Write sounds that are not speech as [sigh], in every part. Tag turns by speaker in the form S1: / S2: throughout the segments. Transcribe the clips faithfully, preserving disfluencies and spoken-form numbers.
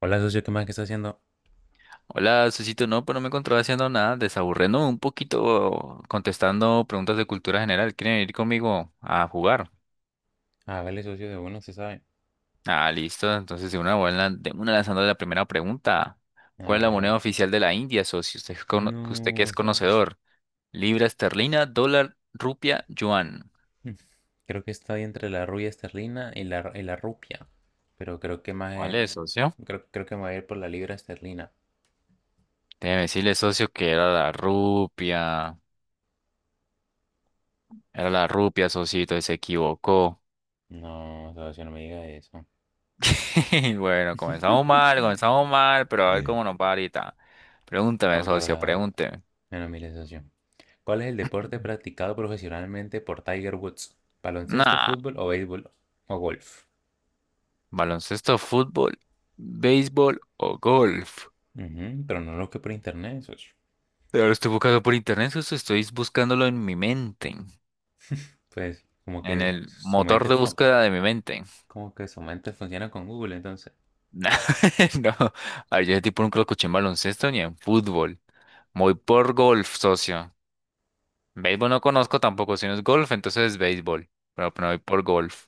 S1: Hola, socio, ¿qué más que está haciendo?
S2: Hola, Susito, no, pues no me encontraba haciendo nada, desaburriendo un poquito, contestando preguntas de cultura general. ¿Quieren ir conmigo a jugar?
S1: Hágale, socio, de uno, se sabe.
S2: Ah, listo. Entonces, de una buena, de una lanzando la primera pregunta. ¿Cuál es
S1: Hágale,
S2: la
S1: hágale.
S2: moneda oficial de la India, socio? Usted, es cono- usted que
S1: No,
S2: es
S1: socio.
S2: conocedor. Libra esterlina, dólar, rupia, yuan.
S1: Mm. Creo que está ahí entre la rubia esterlina y la, y la rupia. Pero creo que más
S2: ¿Cuál
S1: eh,
S2: es, socio?
S1: creo, creo que me voy a ir por la libra esterlina.
S2: Déjeme decirle, socio, que era la rupia. Era la rupia, socito, y se equivocó.
S1: No, socio, no me diga eso.
S2: [laughs] Bueno, comenzamos
S1: [laughs]
S2: mal, comenzamos mal, pero a ver
S1: Eh,
S2: cómo nos va ahorita.
S1: No
S2: Pregúntame,
S1: me
S2: socio,
S1: acordaba.
S2: pregúnteme.
S1: Bueno, mire, socio. ¿Cuál es el deporte practicado profesionalmente por Tiger Woods? ¿Baloncesto,
S2: Nah,
S1: fútbol, o béisbol o golf?
S2: baloncesto, fútbol, béisbol o golf.
S1: Ujú, pero no lo que por internet, socio.
S2: Pero lo estoy buscando por internet, socio, estoy buscándolo en mi mente,
S1: Pues como
S2: en
S1: que
S2: el
S1: su
S2: motor
S1: mente
S2: de
S1: fue.
S2: búsqueda de mi mente.
S1: Como que su mente funciona con Google, entonces.
S2: Nah, [laughs] no, ay, yo ese tipo nunca lo escuché en baloncesto ni en fútbol. Voy por golf, socio. Béisbol no conozco tampoco, si no es golf, entonces es béisbol. Pero, pero voy por golf.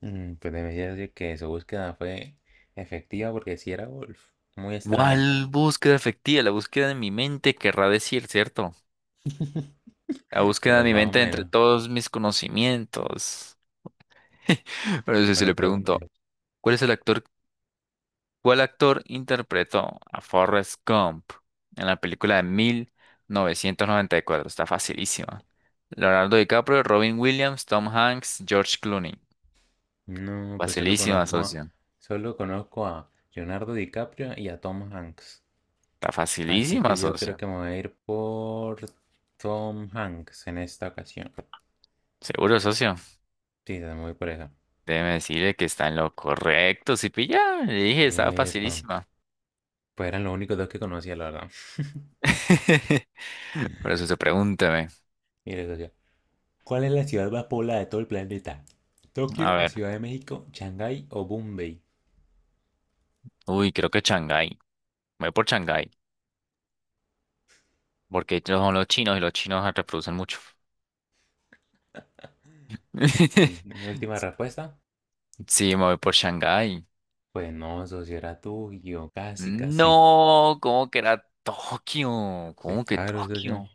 S1: Mm, pues debería decir que su búsqueda fue efectiva, porque si era golf. Muy extraño.
S2: ¿Cuál búsqueda efectiva? La búsqueda de mi mente querrá decir, ¿cierto?
S1: [laughs]
S2: La búsqueda de
S1: Pues
S2: mi
S1: más o
S2: mente entre
S1: menos.
S2: todos mis conocimientos. [laughs] Pero eso sí
S1: Bueno,
S2: le pregunto,
S1: pregunten.
S2: ¿cuál es el actor, ¿cuál actor interpretó a Forrest Gump en la película de mil novecientos noventa y cuatro? Está facilísima. Leonardo DiCaprio, Robin Williams, Tom Hanks, George Clooney.
S1: No, pues solo
S2: Facilísima,
S1: conozco a,
S2: socio.
S1: solo conozco a Leonardo DiCaprio y a Tom Hanks.
S2: Está
S1: Así
S2: facilísima,
S1: que yo
S2: socio.
S1: creo que me voy a ir por Tom Hanks en esta ocasión.
S2: Seguro, socio.
S1: Sí, me voy por eso.
S2: Déjeme decirle que está en lo correcto, si pilla. Le dije, estaba
S1: Epa.
S2: facilísima.
S1: Pues eran los únicos dos que conocía, la verdad. [laughs]
S2: [laughs] Por eso se pregúnteme.
S1: Y les decía, ¿cuál es la ciudad más poblada de todo el planeta?
S2: A
S1: ¿Tokio,
S2: ver,
S1: Ciudad de México, Shanghái o Bombay?
S2: uy, creo que Shanghái. Me voy por Shanghái, porque ellos son los chinos y los chinos reproducen mucho.
S1: Mm,
S2: [laughs]
S1: mi última respuesta.
S2: Sí, me voy por Shanghái.
S1: Pues no, socio, era tuyo. Casi, casi.
S2: No, ¿cómo que era Tokio?
S1: Pues
S2: ¿Cómo que
S1: claro, socio.
S2: Tokio?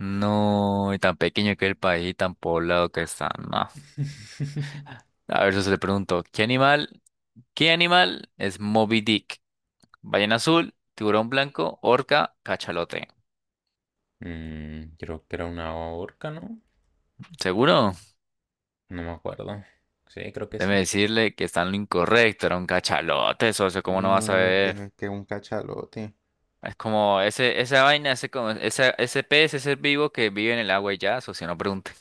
S2: No, y tan pequeño que el país y tan poblado que está. No.
S1: [laughs]
S2: A ver, eso se le pregunto, ¿qué animal, ¿qué animal es Moby Dick? ¿Ballena azul, tiburón blanco, orca, cachalote?
S1: Mm, creo que era una orca, ¿no?
S2: ¿Seguro?
S1: No me acuerdo. Sí, creo que
S2: Déjeme
S1: sí.
S2: decirle que está en lo incorrecto, era un cachalote, socio,
S1: [laughs]
S2: ¿cómo no vas a
S1: No,
S2: ver?
S1: que, que un cachalote.
S2: Es como ese, esa vaina, ese, como, esa- ese pez, ese ser vivo que vive en el agua y ya, socio, no pregunte.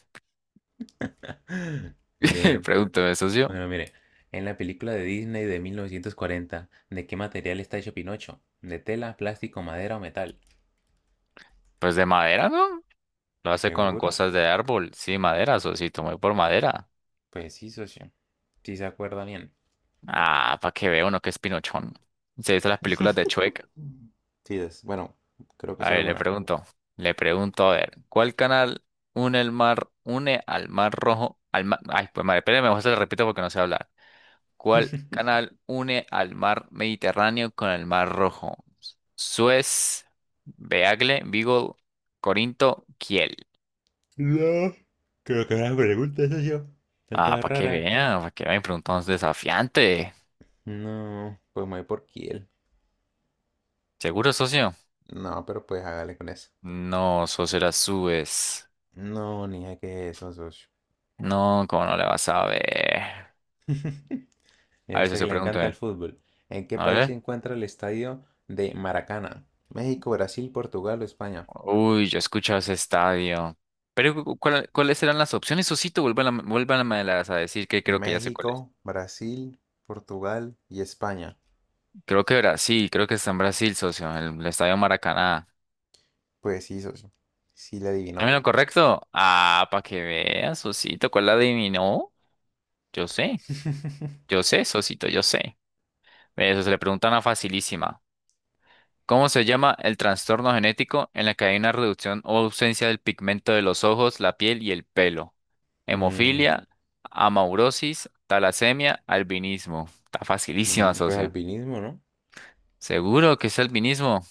S1: [laughs] Este,
S2: [laughs]
S1: bueno,
S2: Pregúnteme, socio.
S1: bueno, mire. En la película de Disney de mil novecientos cuarenta, ¿de qué material está hecho Pinocho? ¿De tela, plástico, madera o metal?
S2: Pues de madera, ¿no? Lo hace con
S1: ¿Seguro?
S2: cosas de árbol. Sí, madera, socito, me voy por madera.
S1: Pues sí, socio. Sí se acuerda bien.
S2: Ah, para que vea uno que es pinochón. Se hizo las películas de
S1: [laughs]
S2: Chueca.
S1: Sí, des- bueno, creo que
S2: A
S1: solo
S2: ver, le
S1: una.
S2: pregunto, le pregunto, a ver, ¿cuál canal une el mar, une al mar rojo, al mar... ay, pues madre, espérame, mejor se lo repito porque no sé hablar. ¿Cuál
S1: [laughs]
S2: canal une al mar Mediterráneo con el mar Rojo? Suez, Beagle, Vigo, Corinto, Kiel.
S1: No, creo que una pregunta, socio. Son
S2: Ah,
S1: todas
S2: para que
S1: raras.
S2: vean, para que vean, preguntamos desafiante.
S1: No, pues me voy por Kiel.
S2: ¿Seguro, socio?
S1: No, pero pues hágale con eso.
S2: No, socio, era Suez.
S1: No, ni idea qué es eso, socio.
S2: No, ¿cómo no le vas a ver?
S1: [laughs] Y
S2: A
S1: a
S2: ver,
S1: usted que
S2: socio,
S1: le encanta
S2: pregúntame.
S1: el fútbol. ¿En qué
S2: A
S1: país se
S2: ver.
S1: encuentra el estadio de Maracaná? ¿México, Brasil, Portugal o España?
S2: Uy, yo he escuchado ese estadio. Pero, ¿cu- cu- cuál- ¿cuáles eran las opciones, socito? Vuelvan a, vuélvanmelas a decir que creo que ya sé cuáles.
S1: México, Brasil, Portugal y España.
S2: Creo que Brasil, creo que está en Brasil, socio, en el estadio Maracaná.
S1: Pues sí, socio. Sí le adivinó.
S2: ¿También lo correcto? Ah, para que veas, socito, ¿cuál la adivinó? Yo sé, yo
S1: [laughs]
S2: sé, socito, yo sé. Ve, eso se le pregunta una facilísima. ¿Cómo se llama el trastorno genético en la que hay una reducción o ausencia del pigmento de los ojos, la piel y el pelo?
S1: Mm,
S2: Hemofilia, amaurosis, talasemia, albinismo. Está facilísima,
S1: mm, pues
S2: socio.
S1: alpinismo, ¿no?
S2: ¿Seguro que es albinismo?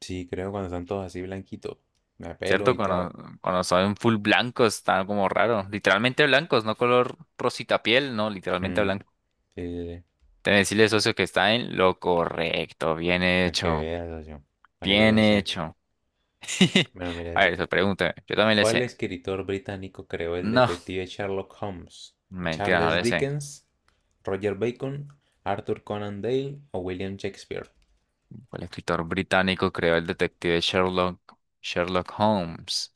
S1: Sí, creo, cuando están todos así blanquitos. Me pelo
S2: ¿Cierto?
S1: y todo.
S2: Cuando, cuando son full blancos, está como raro. Literalmente blancos, no color rosita piel, no, literalmente
S1: Mm,
S2: blanco.
S1: sí, sí, sí.
S2: Debe decirle, socio, que está en lo correcto. Bien
S1: Para que
S2: hecho.
S1: veas, socio. Para que yo
S2: Bien
S1: le sé.
S2: hecho. [laughs]
S1: Bueno, mira,
S2: A
S1: socio.
S2: ver, eso pregúntame. Yo también le
S1: ¿Cuál
S2: sé.
S1: escritor británico creó el
S2: No,
S1: detective Sherlock Holmes?
S2: mentira, no
S1: ¿Charles
S2: le sé.
S1: Dickens, Roger Bacon, Arthur Conan Doyle o William Shakespeare?
S2: ¿Cuál escritor británico creó el detective Sherlock, Sherlock Holmes?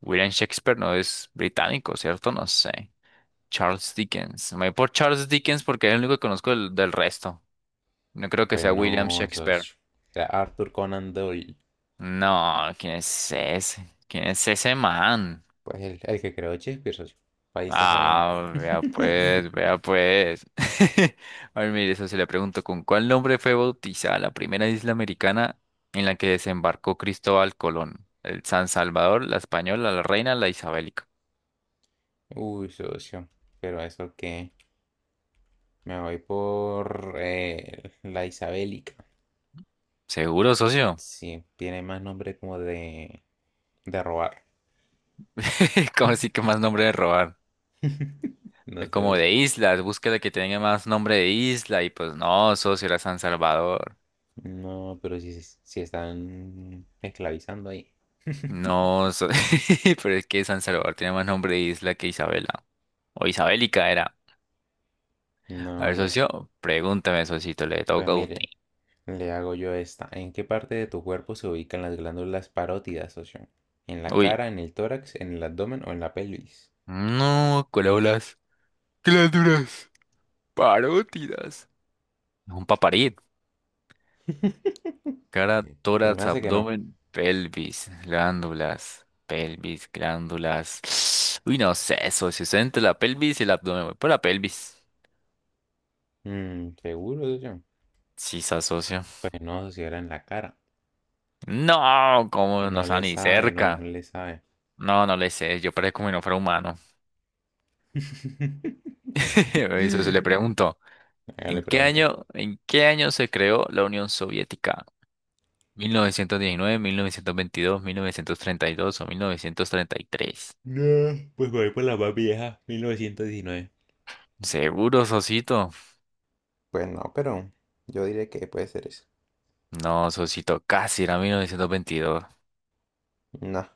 S2: William Shakespeare no es británico, ¿cierto? No sé. Charles Dickens. Me voy por Charles Dickens porque es el único que conozco del, del resto. No creo que
S1: Pues
S2: sea William
S1: no,
S2: Shakespeare.
S1: socio. Era Arthur Conan Doyle.
S2: No, ¿quién es ese? ¿Quién es ese man?
S1: Pues el, el que creó Shakespeare, socio. Ahí está sabiendo.
S2: Ah, vea pues,
S1: [laughs]
S2: vea pues. [laughs] A ver, mire, eso se le pregunto, ¿con cuál nombre fue bautizada la primera isla americana en la que desembarcó Cristóbal Colón? El San Salvador, la Española, la Reina, la Isabelica.
S1: Uy, socio, pero eso que me voy por eh, la Isabélica.
S2: Seguro, socio.
S1: Sí, tiene más nombre como de, de robar.
S2: [laughs] ¿Como así que más nombre de robar?
S1: No
S2: Es
S1: sé,
S2: como
S1: socio.
S2: de islas, búsqueda que tenga más nombre de isla y pues no, socio, era San Salvador.
S1: No, pero si, si están esclavizando ahí.
S2: No, so- [laughs] Pero es que San Salvador tiene más nombre de isla que Isabela. O Isabélica era.
S1: No,
S2: A ver,
S1: socio.
S2: socio, pregúntame, socito, le
S1: Pues
S2: toca a
S1: mire,
S2: usted.
S1: le hago yo esta. ¿En qué parte de tu cuerpo se ubican las glándulas parótidas, socio? ¿En la
S2: Uy,
S1: cara, en el tórax, en el abdomen o en la pelvis?
S2: no, corolas, glándulas, parótidas. Un paparit. Cara,
S1: Se me
S2: tórax,
S1: hace que no.
S2: abdomen, pelvis, glándulas, pelvis, glándulas. [sniffs] Uy, no sé, socio, estoy entre la pelvis y el abdomen. Voy por la pelvis.
S1: Mm, ¿seguro, socio?
S2: Sí, se socio.
S1: Pues no, socio, era en la cara.
S2: No, como no
S1: No
S2: está
S1: le
S2: ni
S1: sabe, no, no
S2: cerca.
S1: le sabe.
S2: No, no le sé, yo parezco como si no fuera humano.
S1: [laughs]
S2: [laughs] Eso se le preguntó.
S1: Acá
S2: ¿En
S1: le
S2: qué
S1: pregunté.
S2: año, en qué año se creó la Unión Soviética? ¿mil novecientos diecinueve, mil novecientos veintidós, mil novecientos treinta y dos o mil novecientos treinta y tres?
S1: No, pues voy por la más vieja, mil novecientos diecinueve.
S2: ¿Seguro, Sosito?
S1: Pues no, pero yo diré que puede ser eso.
S2: No, Sosito, casi era mil novecientos veintidós.
S1: No,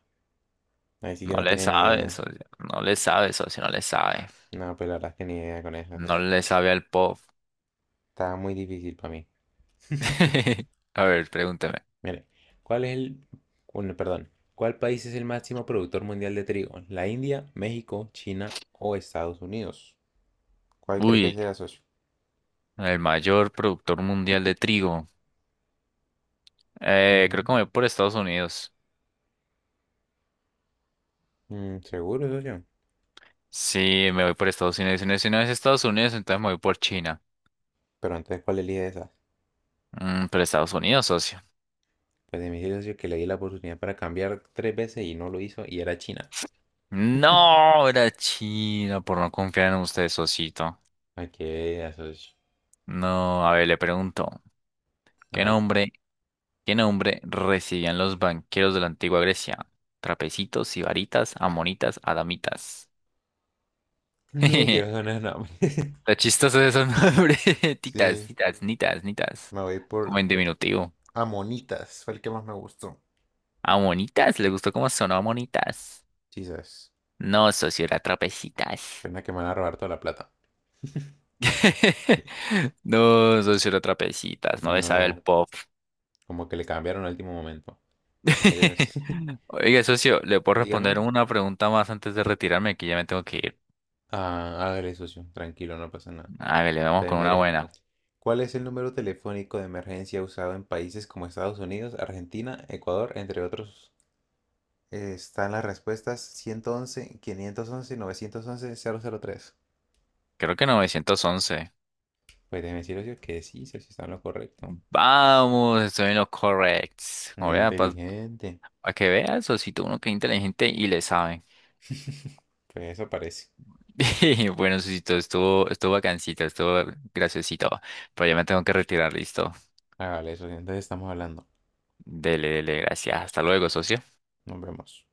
S1: ahí sí que
S2: No
S1: no
S2: le
S1: tiene ni
S2: sabe,
S1: idea.
S2: socio. No le sabe, socio, no le sabe.
S1: No, pues la verdad es que ni idea con eso.
S2: No
S1: Eso
S2: le sabe al pop.
S1: está muy difícil para mí. [laughs]
S2: [laughs] A ver, pregúnteme.
S1: Mire, ¿cuál es el... Bueno, perdón. ¿Cuál país es el máximo productor mundial de trigo? ¿La India, México, China o Estados Unidos? ¿Cuál cree que
S2: Uy,
S1: sea, socio?
S2: el mayor productor mundial de trigo. Eh, creo
S1: Ujú.
S2: que me voy por Estados Unidos.
S1: Mm, ¿seguro, socio?
S2: Sí, me voy por Estados Unidos. Y no, si no es Estados Unidos, entonces me voy por China.
S1: Pero entonces, ¿cuál elige esa?
S2: Mm, pero Estados Unidos, socio.
S1: Pues de mi socio, que le di la oportunidad para cambiar tres veces y no lo hizo, y era China.
S2: No, era China por no confiar en usted, socito.
S1: Ay, que eso es...
S2: No, a ver, le pregunto, ¿qué
S1: Hágale.
S2: nombre, ¿qué nombre recibían los banqueros de la antigua Grecia? Trapecitos, sibaritas, amonitas, adamitas. [laughs]
S1: No
S2: Está
S1: quiero sonar nombres. [laughs]
S2: chistoso de esos nombres. [laughs] Titas,
S1: Sí,
S2: titas, nitas, nitas.
S1: me voy
S2: Como
S1: por
S2: en diminutivo.
S1: Amonitas, fue el que más me gustó.
S2: Amonitas, ¿le gustó cómo sonó amonitas?
S1: Jesus,
S2: No, socio, era trapecitas.
S1: pena que me van a robar toda la plata. [laughs]
S2: [laughs] No, socio, era trapecitas. No le sabe
S1: No,
S2: el pop.
S1: como que le cambiaron al último momento. Mire, [laughs] socio,
S2: [laughs] Oiga, socio, ¿le puedo
S1: dígame.
S2: responder una pregunta más antes de retirarme? Que ya me tengo que ir.
S1: Ah, hágale, socio. Tranquilo, no pasa nada.
S2: A ver, le vamos
S1: Entonces,
S2: con una
S1: mire,
S2: buena.
S1: ¿cuál es el número telefónico de emergencia usado en países como Estados Unidos, Argentina, Ecuador, entre otros? Eh, Están las respuestas ciento once, quinientos once, novecientos once, cero cero tres.
S2: Creo que novecientos once.
S1: Pues déjeme decir, Ocio, que sí, Ocio, está en lo correcto.
S2: Vamos, estoy en lo correcto.
S1: Muy inteligente.
S2: Para que veas, socito, uno que es inteligente y le sabe.
S1: [laughs] Pues eso parece.
S2: [laughs] Bueno, socito, estuvo, estuvo bacancito, estuvo graciosito. Pero ya me tengo que retirar, listo.
S1: Hágale eso, entonces estamos hablando.
S2: Dele, dele, gracias. Hasta luego, socio.
S1: Nos vemos.